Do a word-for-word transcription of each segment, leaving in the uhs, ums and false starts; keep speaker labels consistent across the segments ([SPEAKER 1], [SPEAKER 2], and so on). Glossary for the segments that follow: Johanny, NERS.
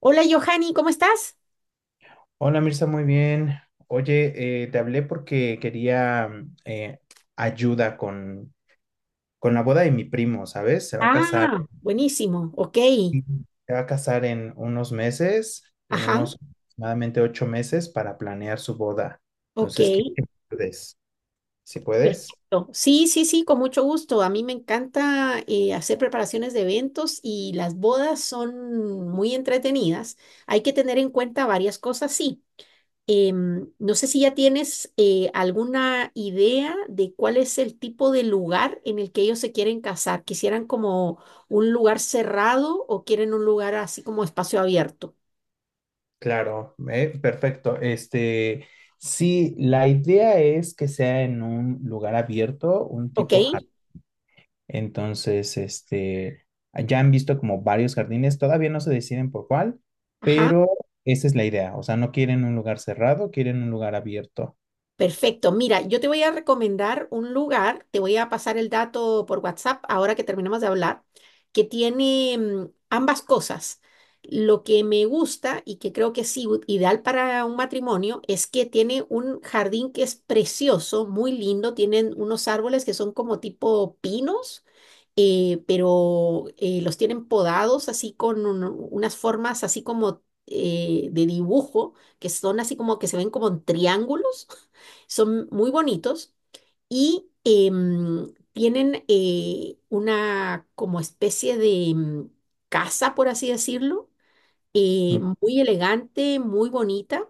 [SPEAKER 1] Hola, Johanny, ¿cómo estás?
[SPEAKER 2] Hola Mirza, muy bien. Oye, eh, te hablé porque quería mm, eh, ayuda con, con la boda de mi primo, ¿sabes? Se va a casar.
[SPEAKER 1] Ah, buenísimo, ok.
[SPEAKER 2] Ujú. Se va a casar en unos meses.
[SPEAKER 1] Ajá,
[SPEAKER 2] Tenemos aproximadamente ocho meses para planear su boda.
[SPEAKER 1] ok,
[SPEAKER 2] Entonces, ¿qué puedes? ¿Si puedes?
[SPEAKER 1] perfecto. Sí, sí, sí, con mucho gusto. A mí me encanta eh, hacer preparaciones de eventos y las bodas son muy entretenidas. Hay que tener en cuenta varias cosas, sí. Em, no sé si ya tienes eh, alguna idea de cuál es el tipo de lugar en el que ellos se quieren casar. ¿Quisieran como un lugar cerrado o quieren un lugar así como espacio abierto?
[SPEAKER 2] Claro, eh, perfecto. Este, sí, la idea es que sea en un lugar abierto, un
[SPEAKER 1] Ok,
[SPEAKER 2] tipo. Entonces, este, ya han visto como varios jardines, todavía no se deciden por cuál,
[SPEAKER 1] ajá.
[SPEAKER 2] pero esa es la idea. O sea, no quieren un lugar cerrado, quieren un lugar abierto.
[SPEAKER 1] Perfecto. Mira, yo te voy a recomendar un lugar, te voy a pasar el dato por WhatsApp ahora que terminamos de hablar, que tiene mm, ambas cosas. Lo que me gusta y que creo que es igu- ideal para un matrimonio es que tiene un jardín que es precioso, muy lindo, tienen unos árboles que son como tipo pinos eh, pero eh, los tienen podados así con un- unas formas así como eh, de dibujo, que son así como que se ven como en triángulos, son muy bonitos y em, tienen eh, una como especie de em, casa, por así decirlo, eh, muy elegante, muy bonita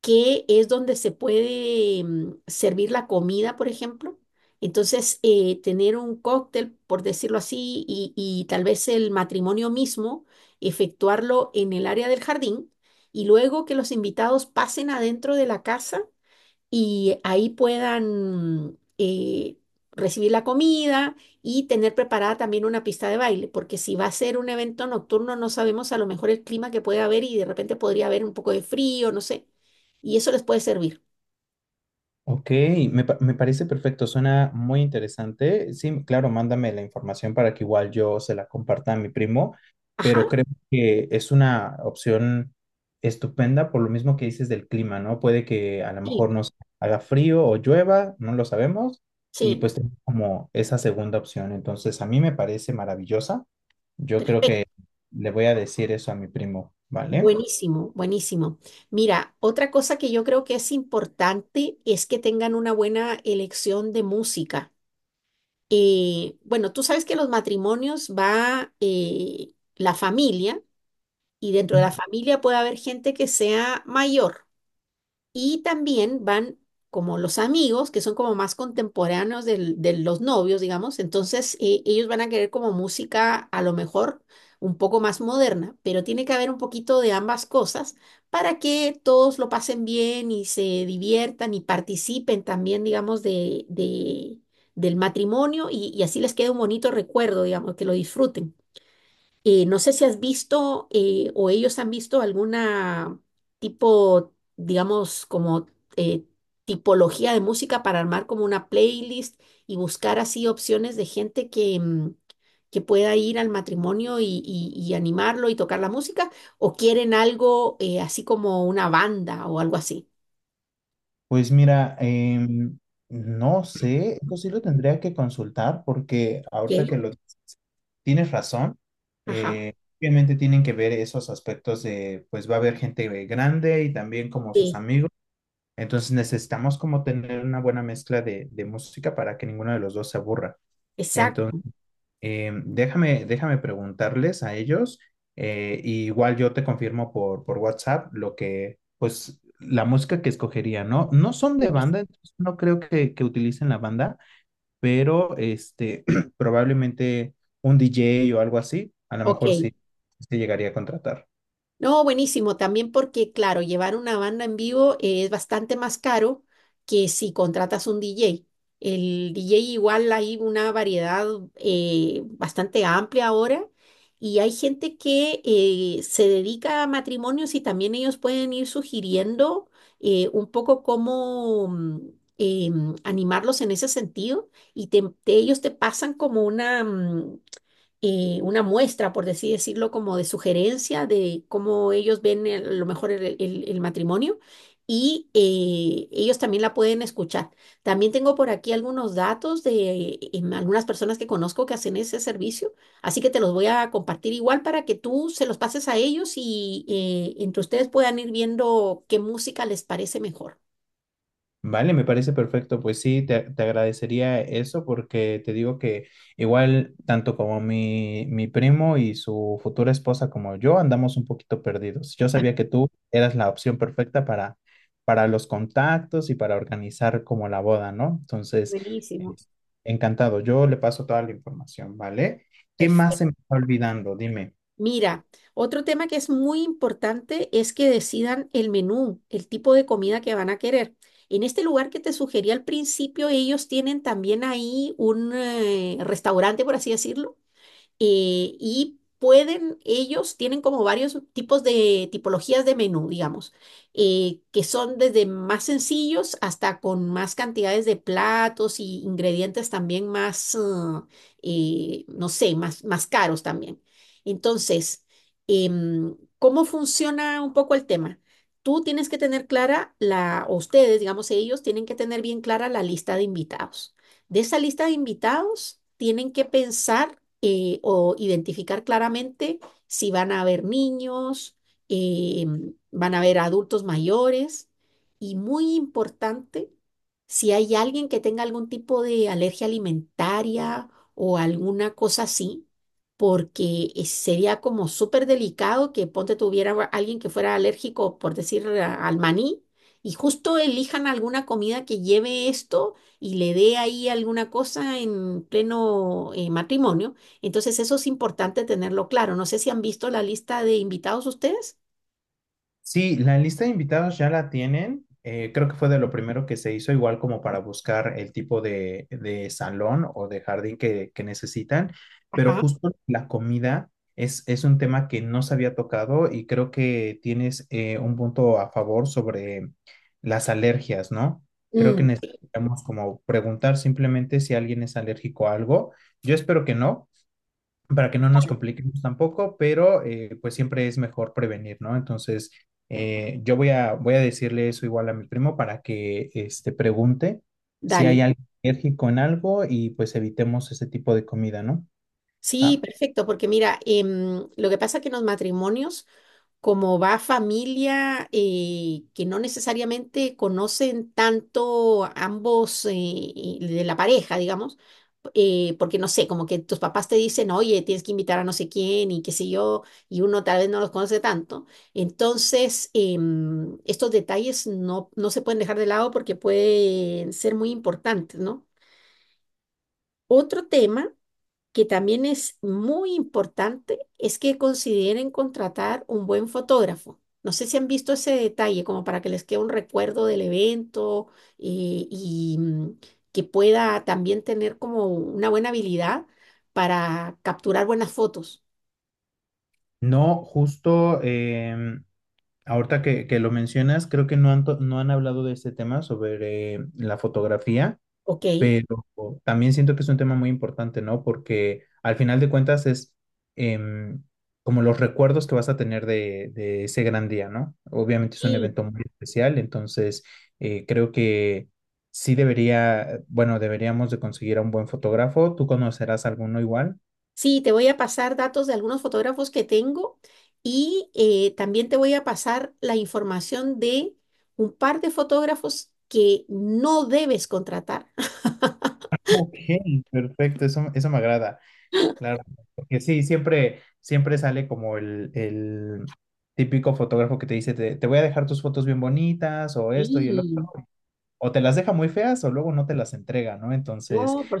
[SPEAKER 1] que es donde se puede mm, servir la comida, por ejemplo. Entonces, eh, tener un cóctel, por decirlo así, y, y tal vez el matrimonio mismo, efectuarlo en el área del jardín y luego que los invitados pasen adentro de la casa y ahí puedan eh, recibir la comida y tener preparada también una pista de baile, porque si va a ser un evento nocturno no sabemos a lo mejor el clima que puede haber y de repente podría haber un poco de frío, no sé, y eso les puede servir.
[SPEAKER 2] Ok, me, pa- me parece perfecto, suena muy interesante. Sí, claro, mándame la información para que igual yo se la comparta a mi primo,
[SPEAKER 1] Ajá,
[SPEAKER 2] pero creo que es una opción estupenda por lo mismo que dices del clima, ¿no? Puede que a lo mejor
[SPEAKER 1] sí,
[SPEAKER 2] nos haga frío o llueva, no lo sabemos, y
[SPEAKER 1] sí,
[SPEAKER 2] pues tenemos como esa segunda opción. Entonces, a mí me parece maravillosa. Yo creo que le voy a decir eso a mi primo, ¿vale?
[SPEAKER 1] buenísimo, buenísimo. Mira, otra cosa que yo creo que es importante es que tengan una buena elección de música. Eh, bueno, tú sabes que los matrimonios va eh, la familia, y dentro de la familia puede haber gente que sea mayor. Y también van como los amigos, que son como más contemporáneos del- de los novios, digamos. Entonces, eh, ellos van a querer como música a lo mejor un poco más moderna, pero tiene que haber un poquito de ambas cosas para que todos lo pasen bien y se diviertan y participen también, digamos, de, de- del matrimonio y, y así les quede un bonito recuerdo, digamos, que lo disfruten. Eh, no sé si has visto eh, o ellos han visto alguna tipo, digamos, como eh, tipología de música para armar como una playlist y buscar así opciones de gente que, mm, que pueda ir al matrimonio y, y- y animarlo y tocar la música, o quieren algo eh, así como una banda o algo así.
[SPEAKER 2] Pues mira, em, no sé, eso sí lo tendría que consultar porque
[SPEAKER 1] ¿Qué?
[SPEAKER 2] ahorita que lo dices, tienes razón.
[SPEAKER 1] Ajá.
[SPEAKER 2] eh, Obviamente tienen que ver esos aspectos de, pues va a haber gente eh, grande y también como sus
[SPEAKER 1] Sí,
[SPEAKER 2] amigos. Entonces necesitamos como tener una buena mezcla de, de música para que ninguno de los dos se aburra.
[SPEAKER 1] exacto.
[SPEAKER 2] Eh, déjame, déjame preguntarles a ellos, eh, y igual yo te confirmo por, por WhatsApp lo que, pues, la música que escogería, ¿no? No son de banda, entonces no creo que, que utilicen la banda, pero este, probablemente un D J o algo así, a lo
[SPEAKER 1] Ok.
[SPEAKER 2] mejor sí se llegaría a contratar.
[SPEAKER 1] No, buenísimo, también porque, claro, llevar una banda en vivo eh, es bastante más caro que si contratas un D J. El D J igual hay una variedad eh, bastante amplia ahora y hay gente que eh, se dedica a matrimonios y también ellos pueden ir sugiriendo eh, un poco cómo mm, em, animarlos en ese sentido y te- te- ellos te pasan como una, mm, eh, una muestra, por así decirlo, como de sugerencia de cómo ellos ven el- a lo mejor el, el- el matrimonio y eh, ellos también la pueden escuchar. También tengo por aquí algunos datos de eh, em, algunas personas que conozco que hacen ese servicio, así que te los voy a compartir igual para que tú se los pases a ellos y eh, entre ustedes puedan ir viendo qué música les parece mejor.
[SPEAKER 2] Vale, me parece perfecto. Pues sí, te, te agradecería eso porque te digo que igual tanto como mi, mi primo y su futura esposa como yo andamos un poquito perdidos. Yo sabía que tú eras la opción perfecta para, para los contactos y para organizar como la boda, ¿no? Entonces,
[SPEAKER 1] Buenísimo.
[SPEAKER 2] encantado. Yo le paso toda la información, ¿vale? ¿Qué más
[SPEAKER 1] Perfecto.
[SPEAKER 2] se me está olvidando? Dime.
[SPEAKER 1] Mira, otro tema que es muy importante es que decidan el menú, el tipo de comida que van a querer. En este lugar que te sugerí al principio, ellos tienen también ahí un eh, restaurante, por así decirlo eh, y pueden, ellos tienen como varios tipos de tipologías de menú, digamos, eh, que son desde más sencillos hasta con más cantidades de platos y ingredientes también más, ah, eh, no sé, más, más caros también. Entonces, em, ¿cómo funciona un poco el tema? Tú tienes que tener clara la, o ustedes, digamos, ellos tienen que tener bien clara la lista de invitados. De esa lista de invitados, tienen que pensar eh, o identificar claramente si van a haber niños, eh, van a haber adultos mayores y muy importante, si hay alguien que tenga algún tipo de alergia alimentaria o alguna cosa así, porque eh, sería como súper delicado que ponte tuviera alguien que fuera alérgico, por decir, a- al maní. Y justo elijan alguna comida que lleve esto y le dé ahí alguna cosa en pleno eh, matrimonio. Entonces, eso es importante tenerlo claro. No sé si han visto la lista de invitados ustedes.
[SPEAKER 2] Sí, la lista de invitados ya la tienen. Eh, creo que fue de lo primero que se hizo, igual como para buscar el tipo de, de salón o de jardín que, que necesitan. Pero
[SPEAKER 1] Ajá.
[SPEAKER 2] justo la comida es, es un tema que no se había tocado y creo que tienes eh, un punto a favor sobre las alergias, ¿no? Creo que
[SPEAKER 1] Mm,
[SPEAKER 2] necesitamos como preguntar simplemente si alguien es alérgico a algo. Yo espero que no, para que no nos compliquemos tampoco, pero eh, pues siempre es mejor prevenir, ¿no? Entonces, eh, yo voy a, voy a decirle eso igual a mi primo para que este, pregunte si
[SPEAKER 1] dale.
[SPEAKER 2] hay alguien alérgico en algo y pues evitemos ese tipo de comida, ¿no?
[SPEAKER 1] Sí,
[SPEAKER 2] Ah,
[SPEAKER 1] perfecto, porque mira, em, lo que pasa es que en los matrimonios como va familia eh, que no necesariamente conocen tanto ambos eh, y de la pareja, digamos, eh, porque no sé, como que tus papás te dicen, oye, tienes que invitar a no sé quién y qué sé yo, y uno tal vez no los conoce tanto. Entonces, em, estos detalles no, no se pueden dejar de lado porque pueden ser muy importantes, ¿no? Otro tema que también es muy importante es que consideren contratar un buen fotógrafo. No sé si han visto ese detalle, como para que les quede un recuerdo del evento eh, y mm, que pueda también tener como una buena habilidad para capturar buenas fotos.
[SPEAKER 2] no, justo em, ahorita que, que lo mencionas, creo que no han, to- no han hablado de este tema sobre eh, la fotografía.
[SPEAKER 1] Ok.
[SPEAKER 2] Pero también siento que es un tema muy importante, ¿no? Porque al final de cuentas es em, como los recuerdos que vas a tener de, de ese gran día, ¿no? Obviamente es un
[SPEAKER 1] Y
[SPEAKER 2] evento muy especial, entonces eh, creo que sí debería, bueno, deberíamos de conseguir a un buen fotógrafo. ¿Tú conocerás alguno igual?
[SPEAKER 1] sí, te voy a pasar datos de algunos fotógrafos que tengo y eh, también te voy a pasar la información de un par de fotógrafos que no debes contratar.
[SPEAKER 2] Ok, perfecto, eso, eso me agrada, claro, porque sí, siempre, siempre sale como el, el típico fotógrafo que te dice, te, te voy a dejar tus fotos bien bonitas o esto y el otro.
[SPEAKER 1] Sí,
[SPEAKER 2] O te las deja muy feas o luego no te las entrega, ¿no? Entonces,
[SPEAKER 1] no, por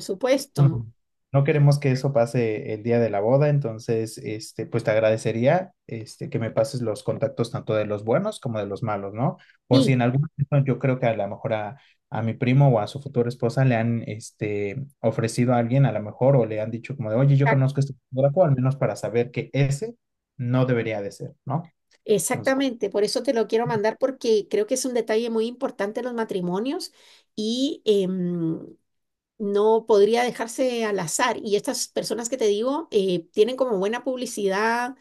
[SPEAKER 2] mm,
[SPEAKER 1] supuesto.
[SPEAKER 2] no queremos que eso pase el día de la boda, entonces, este, pues te agradecería, este, que me pases los contactos tanto de los buenos como de los malos, ¿no? Por si
[SPEAKER 1] Sí,
[SPEAKER 2] en algún momento yo creo que a lo mejor a, a mi primo o a su futura esposa le han, este, ofrecido a alguien a lo mejor o le han dicho como de, oye, yo
[SPEAKER 1] exac-
[SPEAKER 2] conozco este fotógrafo, al menos para saber que ese no debería de ser, ¿no? Entonces
[SPEAKER 1] exactamente. Por eso te lo quiero mandar porque creo que es un detalle muy importante en los matrimonios y em, no podría dejarse al azar. Y estas personas que te digo eh, tienen como buena publicidad,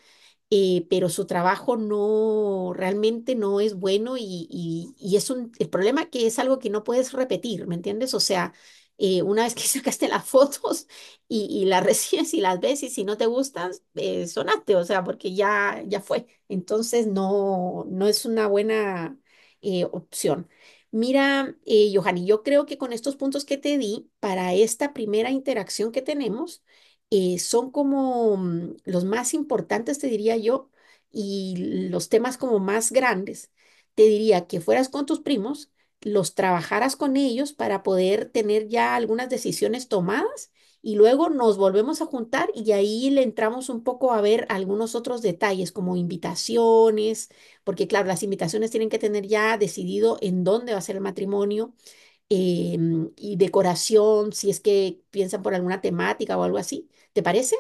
[SPEAKER 1] eh, pero su trabajo no realmente no es bueno y, y- y es un, el problema que es algo que no puedes repetir, ¿me entiendes? O sea, eh, una vez que sacaste las fotos y, y las recibes y las ves y si no te gustan, eh, sonaste, o sea, porque ya, ya fue. Entonces no, no es una buena eh, opción. Mira, eh, Johanny, yo creo que con estos puntos que te di para esta primera interacción que tenemos, eh, son como mm, los más importantes, te diría yo, y los temas como más grandes, te diría que fueras con tus primos, los trabajaras con ellos para poder tener ya algunas decisiones tomadas y luego nos volvemos a juntar y ahí le entramos un poco a ver algunos otros detalles como invitaciones, porque claro, las invitaciones tienen que tener ya decidido en dónde va a ser el matrimonio em, y decoración, si es que piensan por alguna temática o algo así. ¿Te parece?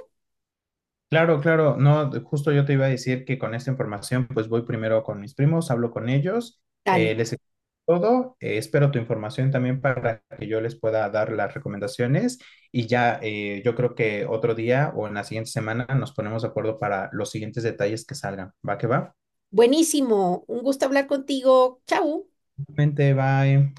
[SPEAKER 2] claro, claro, no, de- justo yo te iba a decir que con esta información, pues voy primero con mis primos, hablo con ellos,
[SPEAKER 1] Dale.
[SPEAKER 2] eh, les explico todo, eh, espero tu información también para que yo les pueda dar las recomendaciones y ya eh, yo creo que otro día o en la siguiente semana nos ponemos de acuerdo para los siguientes detalles que salgan. ¿Va que va?
[SPEAKER 1] Buenísimo. Un gusto hablar contigo. Chau.
[SPEAKER 2] Mente, bye.